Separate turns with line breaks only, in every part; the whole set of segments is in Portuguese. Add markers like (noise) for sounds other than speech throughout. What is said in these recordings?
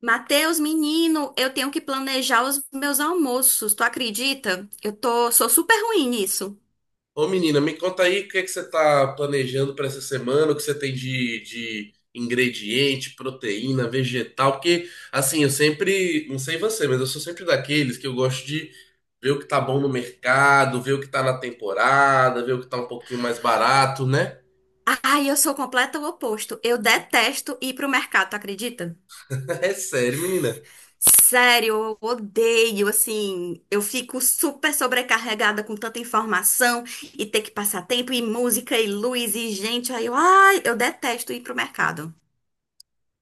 Mateus, menino, eu tenho que planejar os meus almoços, tu acredita? Sou super ruim nisso.
Ô menina, me conta aí o que é que você está planejando para essa semana, o que você tem de ingrediente, proteína, vegetal, porque assim, eu sempre, não sei você, mas eu sou sempre daqueles que eu gosto de ver o que tá bom no mercado, ver o que tá na temporada, ver o que tá um pouquinho mais barato, né?
Ai, eu sou o completo oposto. Eu detesto ir pro mercado, tu acredita?
(laughs) É sério, menina.
Sério, eu odeio, assim, eu fico super sobrecarregada com tanta informação e ter que passar tempo e música e luz e gente. Ai, eu detesto ir pro mercado.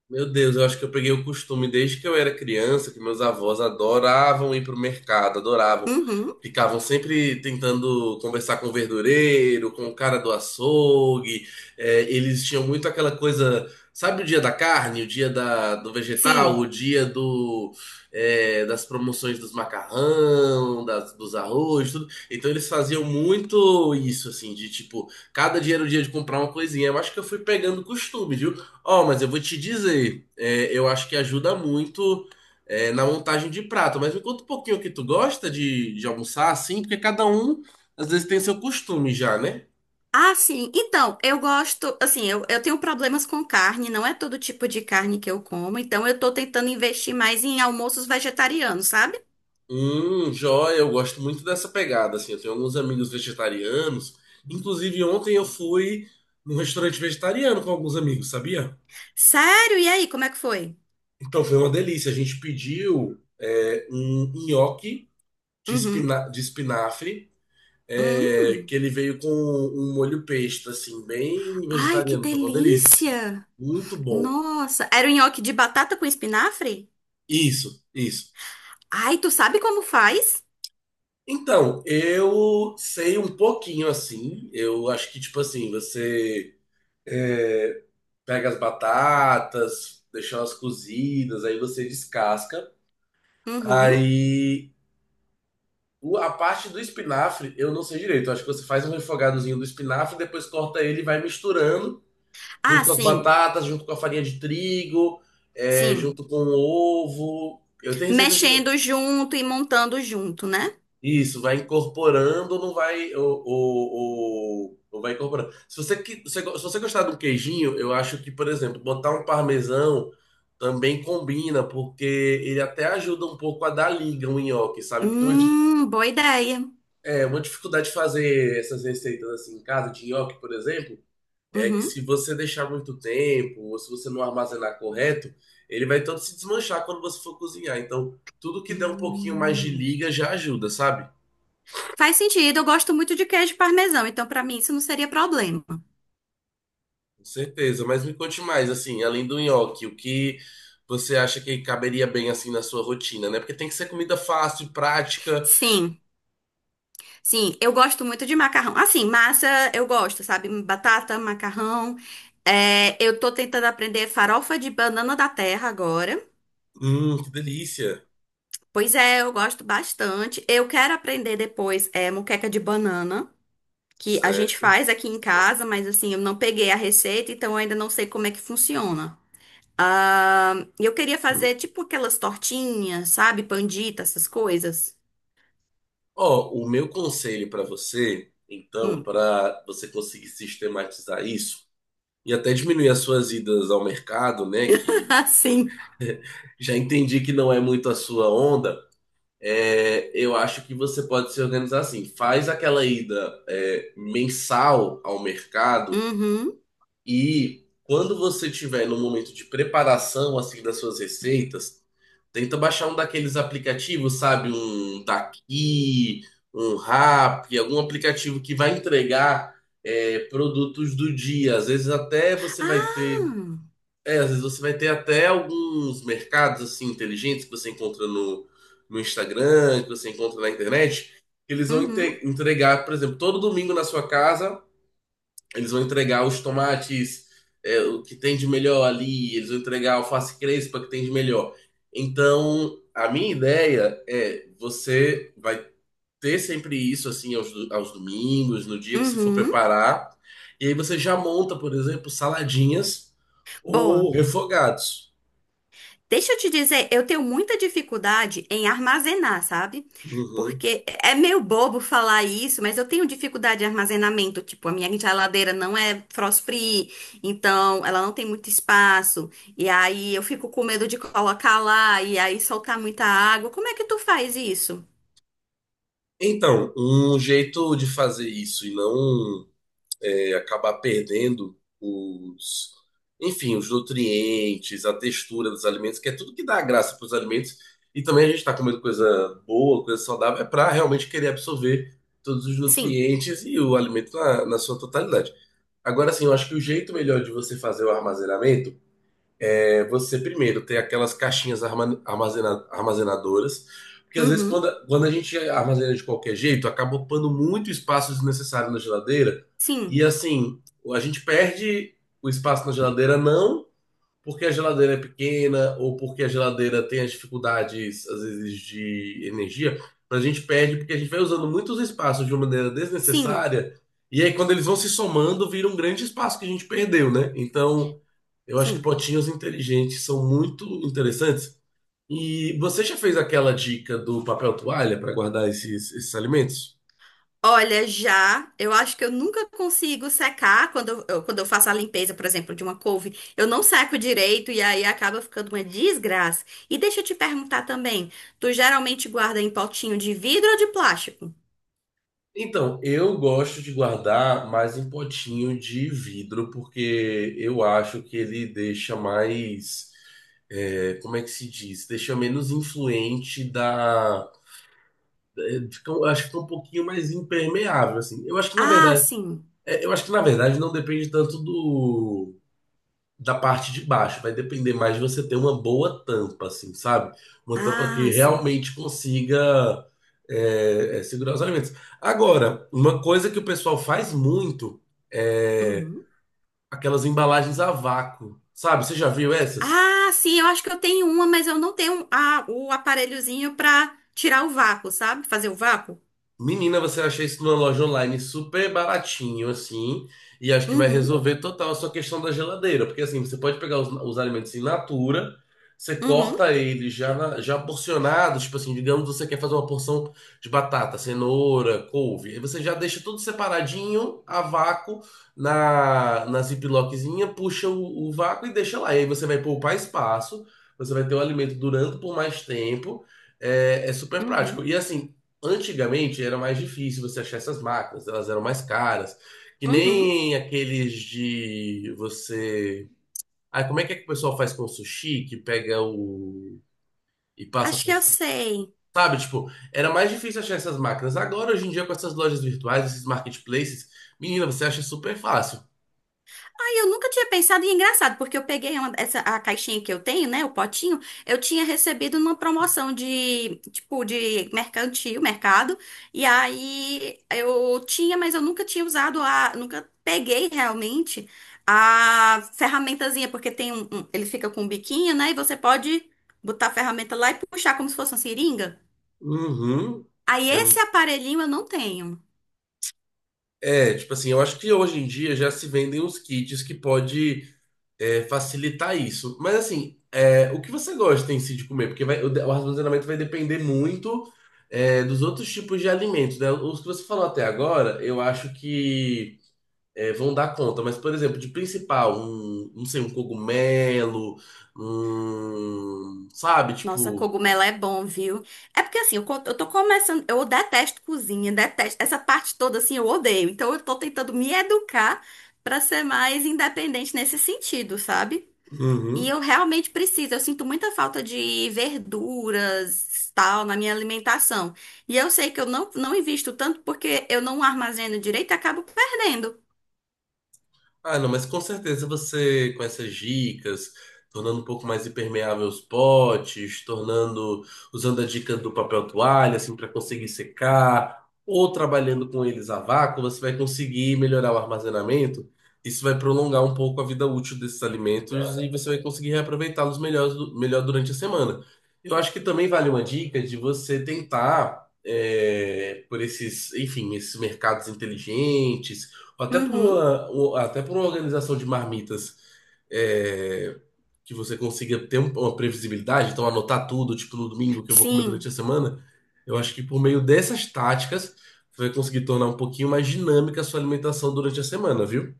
Meu Deus, eu acho que eu peguei o costume desde que eu era criança, que meus avós adoravam ir pro mercado, adoravam.
Uhum,
Ficavam sempre tentando conversar com o verdureiro, com o cara do açougue. É, eles tinham muito aquela coisa, sabe, o dia da carne, o dia da, do vegetal,
sim.
o dia do, é, das promoções dos macarrão, das, dos arroz, tudo. Então eles faziam muito isso, assim, de tipo, cada dia era o dia de comprar uma coisinha. Eu acho que eu fui pegando costume, viu? Ó, mas eu vou te dizer, é, eu acho que ajuda muito na montagem de prato. Mas me conta um pouquinho o que tu gosta de almoçar, assim, porque cada um às vezes tem seu costume já, né?
Ah, sim. Então, eu gosto, assim, eu tenho problemas com carne, não é todo tipo de carne que eu como, então eu tô tentando investir mais em almoços vegetarianos, sabe?
Joia, eu gosto muito dessa pegada, assim. Eu tenho alguns amigos vegetarianos. Inclusive, ontem eu fui num restaurante vegetariano com alguns amigos, sabia?
Sério? E aí, como é que foi?
Então foi uma delícia. A gente pediu um nhoque
Uhum.
de espinafre. É,
Hum.
que ele veio com um molho pesto, assim, bem
Ai, que
vegetariano, tava uma delícia.
delícia!
Muito bom.
Nossa, era um nhoque de batata com espinafre?
Isso, isso.
Ai, tu sabe como faz?
Então, eu sei um pouquinho assim. Eu acho que, tipo assim, você é, pega as batatas, deixa elas cozidas, aí você descasca.
Uhum.
Aí a parte do espinafre eu não sei direito. Eu acho que você faz um refogadozinho do espinafre, depois corta ele e vai misturando
Ah,
junto com as
sim.
batatas, junto com a farinha de trigo, é,
Sim.
junto com o ovo. Eu tenho receita de.
Mexendo junto e montando junto, né?
Isso, vai incorporando, ou não vai. Não vai incorporando. Se você, se você gostar do queijinho, eu acho que, por exemplo, botar um parmesão também combina, porque ele até ajuda um pouco a dar liga o nhoque, sabe? Porque é uma,
Boa ideia.
é uma dificuldade de fazer essas receitas assim em casa, de nhoque, por exemplo. É que
Uhum.
se você deixar muito tempo, ou se você não armazenar correto, ele vai todo se desmanchar quando você for cozinhar. Então, tudo que der um pouquinho mais de
Hum.
liga já ajuda, sabe?
Faz sentido, eu gosto muito de queijo parmesão, então pra mim isso não seria problema.
Com certeza. Mas me conte mais, assim, além do nhoque, o que você acha que caberia bem, assim, na sua rotina, né? Porque tem que ser comida fácil, prática.
Sim, sim, eu gosto muito de macarrão. Assim, massa eu gosto, sabe? Batata, macarrão. É, eu tô tentando aprender farofa de banana da terra agora.
Que delícia.
Pois é, eu gosto bastante. Eu quero aprender depois é, moqueca de banana, que a gente
Certo.
faz aqui em casa, mas assim, eu não peguei a receita, então eu ainda não sei como é que funciona. Ah, eu queria fazer tipo aquelas tortinhas, sabe? Pandita, essas coisas.
Ó, o meu conselho para você, então,
Hum.
para você conseguir sistematizar isso e até diminuir as suas idas ao mercado, né?
(laughs)
Que
Ah, sim.
já entendi que não é muito a sua onda. É, eu acho que você pode se organizar assim. Faz aquela ida é, mensal ao mercado
Uhum.
e quando você tiver no momento de preparação assim das suas receitas, tenta baixar um daqueles aplicativos, sabe, um daqui, um Rap, algum aplicativo que vai entregar é, produtos do dia. Às vezes até você vai
Ah,
ter , às vezes você vai ter até alguns mercados assim inteligentes que você encontra no Instagram, que você encontra na internet, que eles vão
uhum,
entregar, por exemplo, todo domingo na sua casa, eles vão entregar os tomates, é, o que tem de melhor ali, eles vão entregar a alface crespa que tem de melhor. Então, a minha ideia é você vai ter sempre isso assim aos, aos domingos, no dia que você for
uhum.
preparar. E aí você já monta, por exemplo, saladinhas ou
Boa.
refogados.
Deixa eu te dizer, eu tenho muita dificuldade em armazenar, sabe?
Uhum.
Porque é meio bobo falar isso, mas eu tenho dificuldade de armazenamento. Tipo, a minha geladeira não é frost free, então ela não tem muito espaço. E aí eu fico com medo de colocar lá e aí soltar muita água. Como é que tu faz isso?
Então, um jeito de fazer isso e não acabar perdendo os, enfim, os nutrientes, a textura dos alimentos, que é tudo que dá graça para os alimentos. E também a gente está comendo coisa boa, coisa saudável, é para realmente querer absorver todos os
Sim.
nutrientes e o alimento na sua totalidade. Agora, assim, eu acho que o jeito melhor de você fazer o armazenamento é você primeiro ter aquelas caixinhas armazenadoras, porque às vezes
Uhum.
quando, quando a gente armazena de qualquer jeito, acaba ocupando muito espaço desnecessário na geladeira, e
Sim.
assim, a gente perde o espaço na geladeira não porque a geladeira é pequena ou porque a geladeira tem as dificuldades, às vezes, de energia, a gente perde porque a gente vai usando muitos espaços de uma maneira
Sim.
desnecessária. E aí, quando eles vão se somando, vira um grande espaço que a gente perdeu, né? Então, eu acho que
Sim.
potinhos inteligentes são muito interessantes. E você já fez aquela dica do papel toalha para guardar esses alimentos?
Olha, já, eu acho que eu nunca consigo secar quando eu faço a limpeza, por exemplo, de uma couve. Eu não seco direito e aí acaba ficando uma desgraça. E deixa eu te perguntar também, tu geralmente guarda em potinho de vidro ou de plástico?
Então, eu gosto de guardar mais em potinho de vidro, porque eu acho que ele deixa mais. É, como é que se diz? Deixa menos influente da. É, eu acho que fica um pouquinho mais impermeável, assim. Eu acho que, na
Ah,
verdade,
sim.
não depende tanto do da parte de baixo. Vai depender mais de você ter uma boa tampa, assim, sabe? Uma tampa
Ah,
que
sim.
realmente consiga segurar os alimentos. Agora, uma coisa que o pessoal faz muito é
Uhum.
aquelas embalagens a vácuo, sabe? Você já viu essas?
Ah, sim, eu acho que eu tenho uma, mas eu não tenho a, o aparelhozinho pra tirar o vácuo, sabe? Fazer o vácuo.
Menina, você acha isso numa loja online super baratinho, assim, e acho que vai
Uhum,
resolver total a sua questão da geladeira, porque assim, você pode pegar os alimentos in natura, você
uhum,
corta eles já, já porcionados, tipo assim, digamos você quer fazer uma porção de batata, cenoura, couve, aí você já deixa tudo separadinho, a vácuo, na ziplockzinha, puxa o vácuo e deixa lá, e aí você vai poupar espaço, você vai ter o alimento durando por mais tempo, é, é super prático.
uhum,
E assim, antigamente era mais difícil você achar essas máquinas, elas eram mais caras, que
uhum.
nem aqueles de você. Ah, como é que o pessoal faz com o sushi que pega o e passa
Acho que
por
eu
cima?
sei.
Sabe, tipo, era mais difícil achar essas máquinas. Agora, hoje em dia, com essas lojas virtuais, esses marketplaces, menina, você acha super fácil.
Ai, eu nunca tinha pensado, e é engraçado, porque essa, a caixinha que eu tenho, né, o potinho, eu tinha recebido numa promoção de, tipo, de mercantil, mercado, e aí eu tinha, mas eu nunca tinha usado a, nunca peguei realmente a ferramentazinha, porque ele fica com um biquinho, né, e você pode botar a ferramenta lá e puxar como se fosse uma seringa.
Uhum.
Aí
É,
esse aparelhinho eu não tenho.
tipo assim, eu acho que hoje em dia já se vendem uns kits que pode é, facilitar isso. Mas assim, é, o que você gosta em si de comer? Porque o armazenamento vai depender muito é, dos outros tipos de alimentos, né? Os que você falou até agora, eu acho que é, vão dar conta. Mas, por exemplo, de principal, um, não sei, um cogumelo, um, sabe,
Nossa,
tipo.
cogumelo é bom, viu? É porque assim, eu tô começando. Eu detesto cozinha, detesto. Essa parte toda, assim, eu odeio. Então, eu tô tentando me educar pra ser mais independente nesse sentido, sabe? E
Uhum.
eu realmente preciso. Eu sinto muita falta de verduras, tal, na minha alimentação. E eu sei que eu não, não invisto tanto porque eu não armazeno direito e acabo perdendo.
Ah, não, mas com certeza você, com essas dicas, tornando um pouco mais impermeável os potes, tornando, usando a dica do papel toalha, assim, para conseguir secar, ou trabalhando com eles a vácuo, você vai conseguir melhorar o armazenamento. Isso vai prolongar um pouco a vida útil desses alimentos e você vai conseguir reaproveitá-los melhor, melhor durante a semana. Eu acho que também vale uma dica de você tentar, por esses, enfim, esses mercados inteligentes até por
Uhum.
uma, até por uma organização de marmitas é, que você consiga ter uma previsibilidade, então anotar tudo, tipo no domingo que eu vou comer durante
Sim.
a semana, eu acho que por meio dessas táticas você vai conseguir tornar um pouquinho mais dinâmica a sua alimentação durante a semana, viu?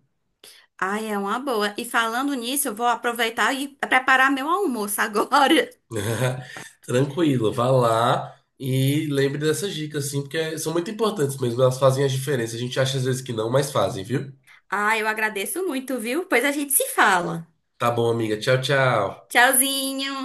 Ai, é uma boa. E falando nisso, eu vou aproveitar e preparar meu almoço (laughs) agora.
(laughs) Tranquilo, vá lá e lembre dessas dicas, assim, porque são muito importantes mesmo, elas fazem a diferença. A gente acha às vezes que não, mas fazem, viu?
Ah, eu agradeço muito, viu? Pois a gente se fala.
Tá bom, amiga. Tchau, tchau.
Tchauzinho!